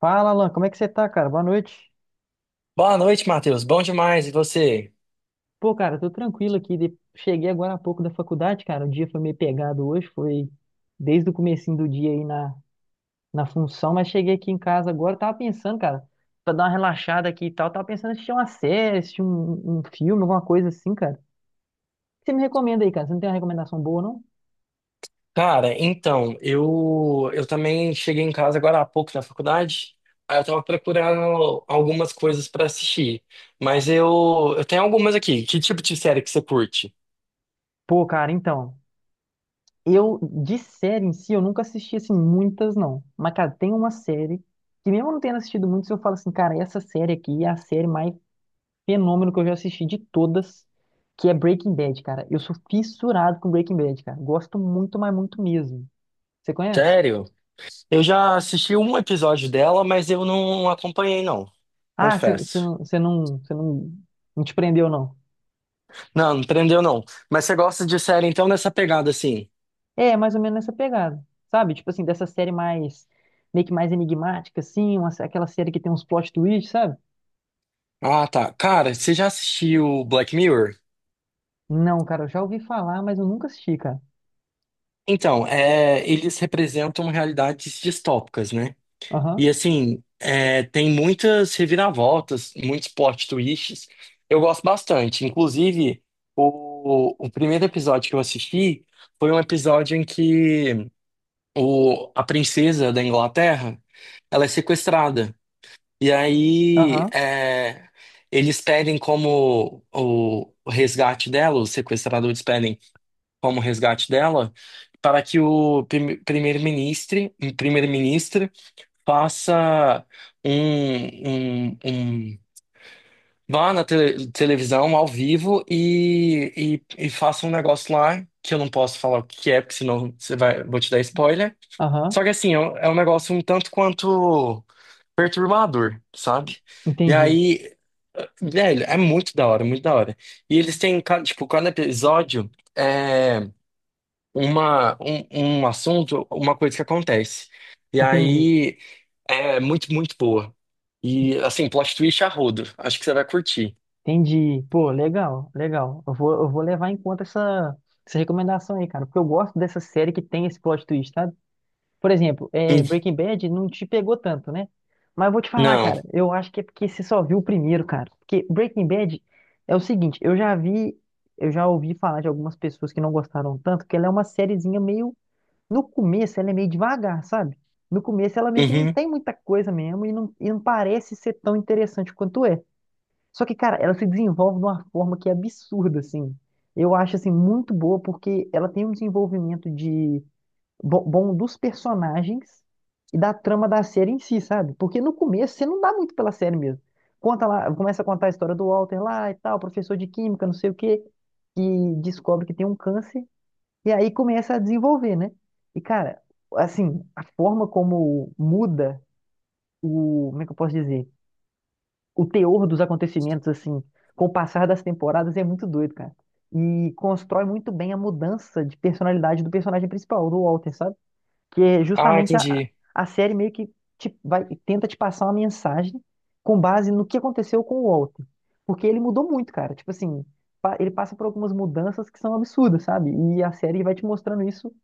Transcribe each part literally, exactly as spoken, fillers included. Fala, Alan, como é que você tá, cara? Boa noite. Boa noite, Matheus. Bom demais. E você? Pô, cara, tô tranquilo aqui. de- Cheguei agora há pouco da faculdade, cara. O dia foi meio pegado hoje, foi desde o comecinho do dia aí na, na função, mas cheguei aqui em casa agora, tava pensando, cara, pra dar uma relaxada aqui e tal, tava pensando em assistir uma série, assistir um, um filme, alguma coisa assim, cara. O que você me recomenda aí, cara? Você não tem uma recomendação boa, não? Cara, então, eu eu também cheguei em casa agora há pouco da faculdade. Aí eu tava procurando algumas coisas pra assistir. Mas eu eu tenho algumas aqui. Que tipo de série que você curte? Pô, cara, então, eu, de série em si, eu nunca assisti, assim, muitas, não. Mas, cara, tem uma série que mesmo eu não tendo assistido muito, se eu falo assim, cara, essa série aqui é a série mais fenômeno que eu já assisti de todas, que é Breaking Bad, cara. Eu sou fissurado com Breaking Bad, cara. Gosto muito, mas muito mesmo. Você conhece? Sério? Eu já assisti um episódio dela, mas eu não acompanhei, não. Ah, você você Confesso. não, você não, você não, não te prendeu, não. Não, não prendeu, não. Mas você gosta de série, então, nessa pegada assim? É, mais ou menos nessa pegada, sabe? Tipo assim, dessa série mais, meio que mais enigmática, assim, uma, aquela série que tem uns plot twists, sabe? Ah, tá. Cara, você já assistiu Black Mirror? Não, cara, eu já ouvi falar, mas eu nunca assisti, cara. Então, é, eles representam realidades distópicas, né? E Aham, assim, é, tem muitas reviravoltas, muitos plot twists. Eu gosto bastante. Inclusive, o, o primeiro episódio que eu assisti foi um episódio em que o, a princesa da Inglaterra, ela é sequestrada. E aí, aham, é, eles pedem como o, o resgate dela, os sequestradores pedem como resgate dela, para que o prime- primeiro-ministro primeiro-ministro faça um, um, um- vá na tele- televisão ao vivo e, e, e faça um negócio lá que eu não posso falar o que é, porque senão você vai, vou te dar spoiler. aham. Só que assim, é um é um negócio um tanto quanto perturbador, sabe? E Entendi, aí, velho, é muito da hora, muito da hora. E eles têm, ca- tipo, cada episódio. É uma, um, um assunto, uma coisa que acontece. E entendi. aí é muito, muito boa. E assim, plot twist a rodo. Acho que você vai curtir. Entendi. Pô, legal, legal. Eu vou, eu vou levar em conta essa, essa recomendação aí, cara, porque eu gosto dessa série que tem esse plot twist, sabe? Por exemplo, é, Hum. Breaking Bad não te pegou tanto, né? Mas eu vou te falar, Não. cara, eu acho que é porque você só viu o primeiro, cara. Porque Breaking Bad é o seguinte, eu já vi, eu já ouvi falar de algumas pessoas que não gostaram tanto, que ela é uma sériezinha meio, no começo ela é meio devagar, sabe? No começo ela meio que não Uhum. tem muita coisa mesmo e não, e não parece ser tão interessante quanto é. Só que, cara, ela se desenvolve de uma forma que é absurda, assim. Eu acho, assim, muito boa, porque ela tem um desenvolvimento de bo- bom dos personagens e da trama da série em si, sabe? Porque no começo você não dá muito pela série mesmo. Conta lá, começa a contar a história do Walter lá e tal, professor de química, não sei o quê, que descobre que tem um câncer e aí começa a desenvolver, né? E, cara, assim, a forma como muda o, como é que eu posso dizer? O teor dos acontecimentos, assim, com o passar das temporadas é muito doido, cara. E constrói muito bem a mudança de personalidade do personagem principal, do Walter, sabe? Que é Ah, justamente a, entendi. a série meio que te, vai, tenta te passar uma mensagem com base no que aconteceu com o Walter. Porque ele mudou muito, cara. Tipo assim, pa- ele passa por algumas mudanças que são absurdas, sabe? E a série vai te mostrando isso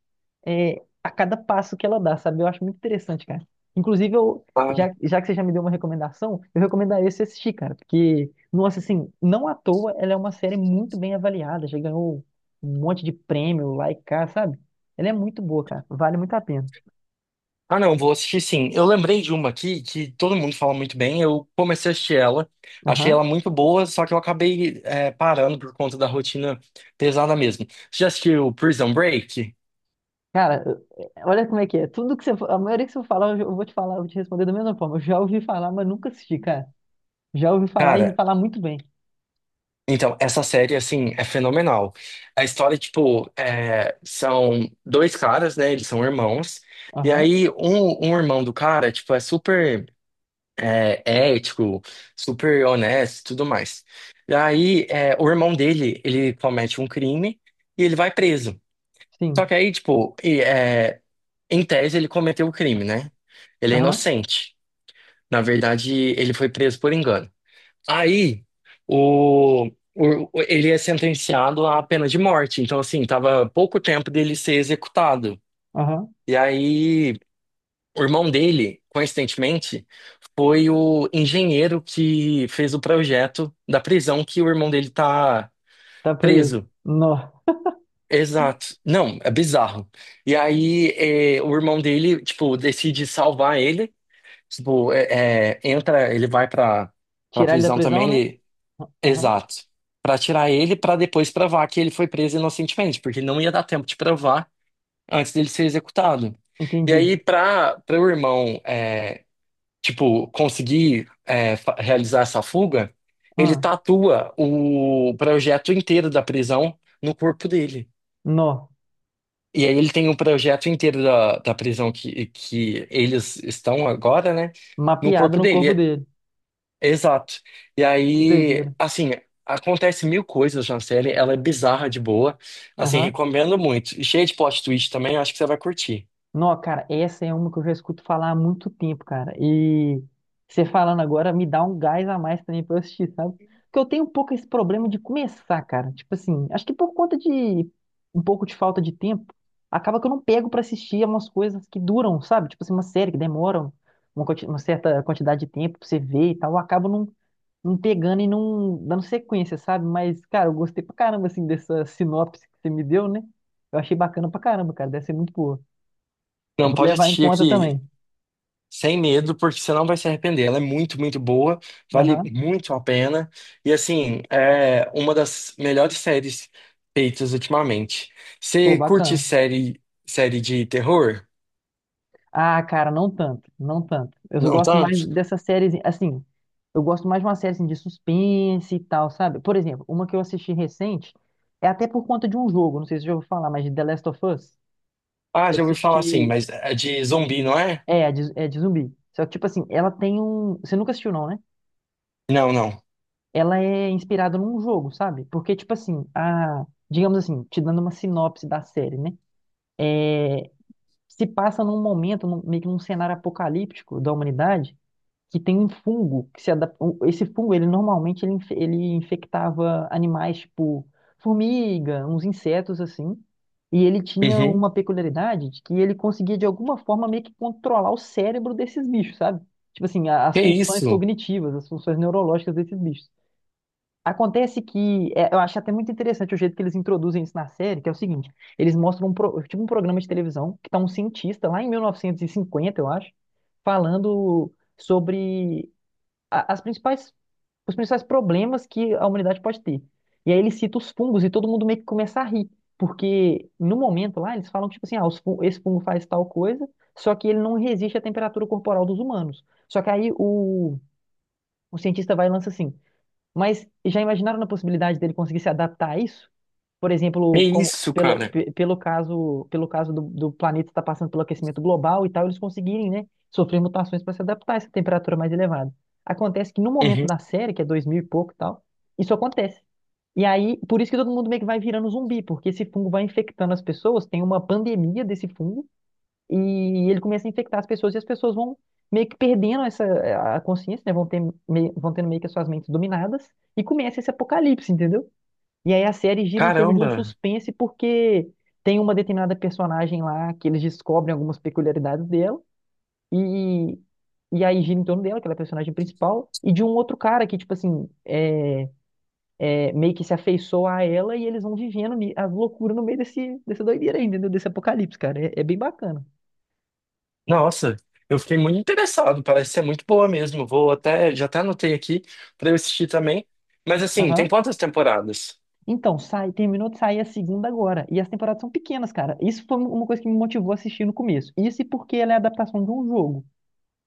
é, a cada passo que ela dá, sabe? Eu acho muito interessante, cara. Inclusive, eu, Ah, já, já, que você já me deu uma recomendação, eu recomendaria você assistir, cara, porque, nossa, assim, não à toa, ela é uma série muito bem avaliada, já ganhou um monte de prêmio lá e cá, sabe? Ela é muito boa, cara, vale muito a pena. ah, não, vou assistir sim. Eu lembrei de uma aqui que todo mundo fala muito bem. Eu comecei a assistir ela, achei Aham. ela muito boa, só que eu acabei é, parando por conta da rotina pesada mesmo. Você já assistiu Prison Break? Cara, eu- é, olha como é que é. Tudo que você, fa- a maioria que você falar, eu eu vou te falar, eu vou te responder da mesma forma. Eu já ouvi falar, mas nunca assisti, cara. Já ouvi falar e Cara, falar muito bem. então, essa série, assim, é fenomenal. A história, tipo, é, são dois caras, né? Eles são irmãos. E Aham, aí, um, um irmão do cara, tipo, é super é, ético, super honesto e tudo mais. E aí, é, o irmão dele, ele comete um crime e ele vai preso. sim. Só que aí, tipo, e, é, em tese, ele cometeu o crime, né? Ele é Aham, inocente. Na verdade, ele foi preso por engano. Aí, o, o- ele é sentenciado à pena de morte. Então, assim, tava pouco tempo dele ser executado. aham. E aí, o irmão dele, coincidentemente, foi o engenheiro que fez o projeto da prisão que o irmão dele tá Tá preso. preso. Nó. Exato. Não, é bizarro. E aí, é, o irmão dele, tipo, decide salvar ele. Tipo, é, é, entra, ele vai pra, pra Tirar ele da prisão prisão, né? também. Ah, aham. Exato. Pra tirar ele, pra depois provar que ele foi preso inocentemente, porque não ia dar tempo de provar antes dele ser executado. E Entendi. aí, pra para o irmão, é, tipo, conseguir é, fa- realizar essa fuga, ele Ah, tatua o projeto inteiro da prisão no corpo dele. nó. E aí ele tem o projeto inteiro da, da prisão que, que eles estão agora, né? No Mapeado corpo no corpo dele. dele. Exato. E Que aí, doideira. assim, acontece mil coisas na série, ela é bizarra de boa. Assim, Aham. recomendo muito. E cheia de plot twist também, acho que você vai curtir. Não, cara, essa é uma que eu já escuto falar há muito tempo, cara. E você falando agora me dá um gás a mais também pra eu assistir, sabe? Porque eu tenho um pouco esse problema de começar, cara. Tipo assim, acho que por conta de um pouco de falta de tempo, acaba que eu não pego pra assistir umas coisas que duram, sabe? Tipo assim, uma série que demora uma, quanti- uma certa quantidade de tempo pra você ver e tal. Eu acabo não, não pegando e não dando sequência, sabe? Mas, cara, eu gostei pra caramba, assim, dessa sinopse que você me deu, né? Eu achei bacana pra caramba, cara. Deve ser muito boa. Eu Não, vou pode levar em assistir conta também. aqui sem medo, porque você não vai se arrepender. Ela é muito, muito boa, vale Aham. muito a pena. E assim, é uma das melhores séries feitas ultimamente. Pô, Você curte bacana. série, série de terror? Ah, cara, não tanto, não tanto. Eu só Não gosto mais tanto? dessa série, assim, eu gosto mais de uma série assim, de suspense e tal, sabe? Por exemplo, uma que eu assisti recente, é até por conta de um jogo, não sei se você já ouviu falar, mas de The Last of Us, Ah, que eu já ouvi falar assim, assisti, mas é de zumbi, não é? é, de, é de zumbi. Só que, tipo assim, ela tem um, você nunca assistiu não, né? Não, não. Ela é inspirada num jogo, sabe? Porque, tipo assim, a, digamos assim, te dando uma sinopse da série, né? É, se passa num momento, num- meio que num cenário apocalíptico da humanidade, que tem um fungo que se adapta. Esse fungo, ele normalmente ele, inf- ele infectava animais tipo formiga, uns insetos assim. E ele tinha Uhum. uma peculiaridade de que ele conseguia de alguma forma meio que controlar o cérebro desses bichos, sabe? Tipo assim, a- as Que funções isso? cognitivas, as funções neurológicas desses bichos. Acontece que é, eu acho até muito interessante o jeito que eles introduzem isso na série, que é o seguinte, eles mostram um, pro- tipo um programa de televisão que tá um cientista lá em mil novecentos e cinquenta, eu acho, falando sobre a- as principais, os principais problemas que a humanidade pode ter. E aí ele cita os fungos e todo mundo meio que começa a rir, porque no momento lá eles falam tipo assim, ah, os fun- esse fungo faz tal coisa, só que ele não resiste à temperatura corporal dos humanos. Só que aí o, o cientista vai e lança assim, mas já imaginaram na possibilidade dele conseguir se adaptar a isso? Por É exemplo, como, isso, pelo, cara. pe- pelo caso, pelo caso do, do planeta estar passando pelo aquecimento global e tal, eles conseguirem, né, sofrer mutações para se adaptar a essa temperatura mais elevada. Acontece que no Uhum. momento da série, que é dois mil e pouco e tal, isso acontece. E aí, por isso que todo mundo meio que vai virando zumbi, porque esse fungo vai infectando as pessoas, tem uma pandemia desse fungo, e ele começa a infectar as pessoas e as pessoas vão meio que perdendo essa a consciência, né? Vão ter meio, vão tendo meio que as suas mentes dominadas e começa esse apocalipse, entendeu? E aí a série gira em torno de um Caramba. suspense porque tem uma determinada personagem lá que eles descobrem algumas peculiaridades dela e e aí gira em torno dela, que ela é a personagem principal, e de um outro cara que, tipo assim, é, é, meio que se afeiçoa a ela e eles vão vivendo ni- as loucuras no meio desse, dessa doideira aí, entendeu? Desse apocalipse, cara. É, é bem bacana. Nossa, eu fiquei muito interessado. Parece ser muito boa mesmo. Vou até, já até anotei aqui pra eu assistir também. Mas assim, tem Aham. quantas temporadas? Então, sai, terminou de sair a segunda agora. E as temporadas são pequenas, cara. Isso foi um, uma coisa que me motivou a assistir no começo. Isso e porque ela é a adaptação de um jogo.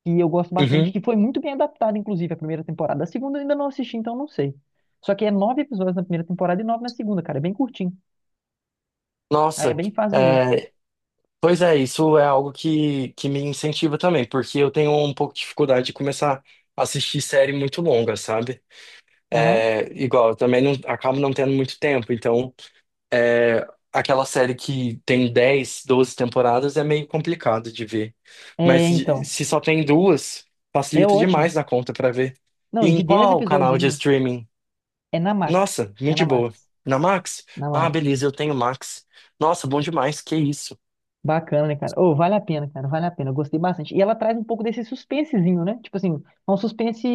E eu gosto bastante, Uhum. que foi muito bem adaptada, inclusive, a primeira temporada. A segunda eu ainda não assisti, então não sei. Só que é nove episódios na primeira temporada e nove na segunda, cara. É bem curtinho. Aí é Nossa. bem fácil de ver. É, pois é, isso é algo que, que me incentiva também, porque eu tenho um pouco de dificuldade de começar a assistir série muito longa, sabe? Aham. É, igual, eu também não, acabo não tendo muito tempo, então. Aquela série que tem dez, doze temporadas é meio complicado de ver. É, Mas de- então. se só tem duas, É facilita ótimo. demais na conta pra ver. Não, E e de em dez qual episódios canal de ainda. streaming? É na Max. Nossa, É muito na de boa. Max. Na Max? Na Ah, Max. beleza, eu tenho Max. Nossa, bom demais, que isso. Bacana, né, cara? Ô, vale a pena, cara, vale a pena. Eu gostei bastante. E ela traz um pouco desse suspensezinho, né? Tipo assim, é um suspense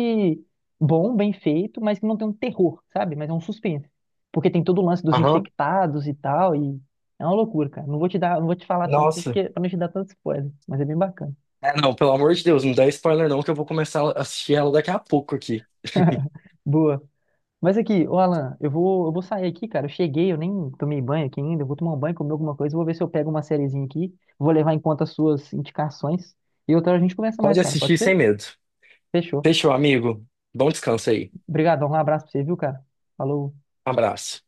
bom, bem feito, mas que não tem um terror, sabe? Mas é um suspense. Porque tem todo o lance dos Aham, infectados e tal, e é uma loucura, cara. Não vou te dar, não vou te falar tanto, nossa. porque, pra não te dar tanto spoiler, mas é bem bacana. É, não, pelo amor de Deus, não dá spoiler não, que eu vou começar a assistir ela daqui a pouco aqui. Boa. Mas aqui, ô Alan, eu vou, eu vou sair aqui, cara. Eu cheguei, eu nem tomei banho aqui ainda. Eu vou tomar um banho, comer alguma coisa. Vou ver se eu pego uma sériezinha aqui. Vou levar em conta as suas indicações. E outra hora a gente conversa Pode mais, cara. assistir Pode sem ser? medo. Fechou. Fechou, amigo. Bom descanso aí. Obrigadão, um abraço pra você, viu, cara? Falou. Abraço.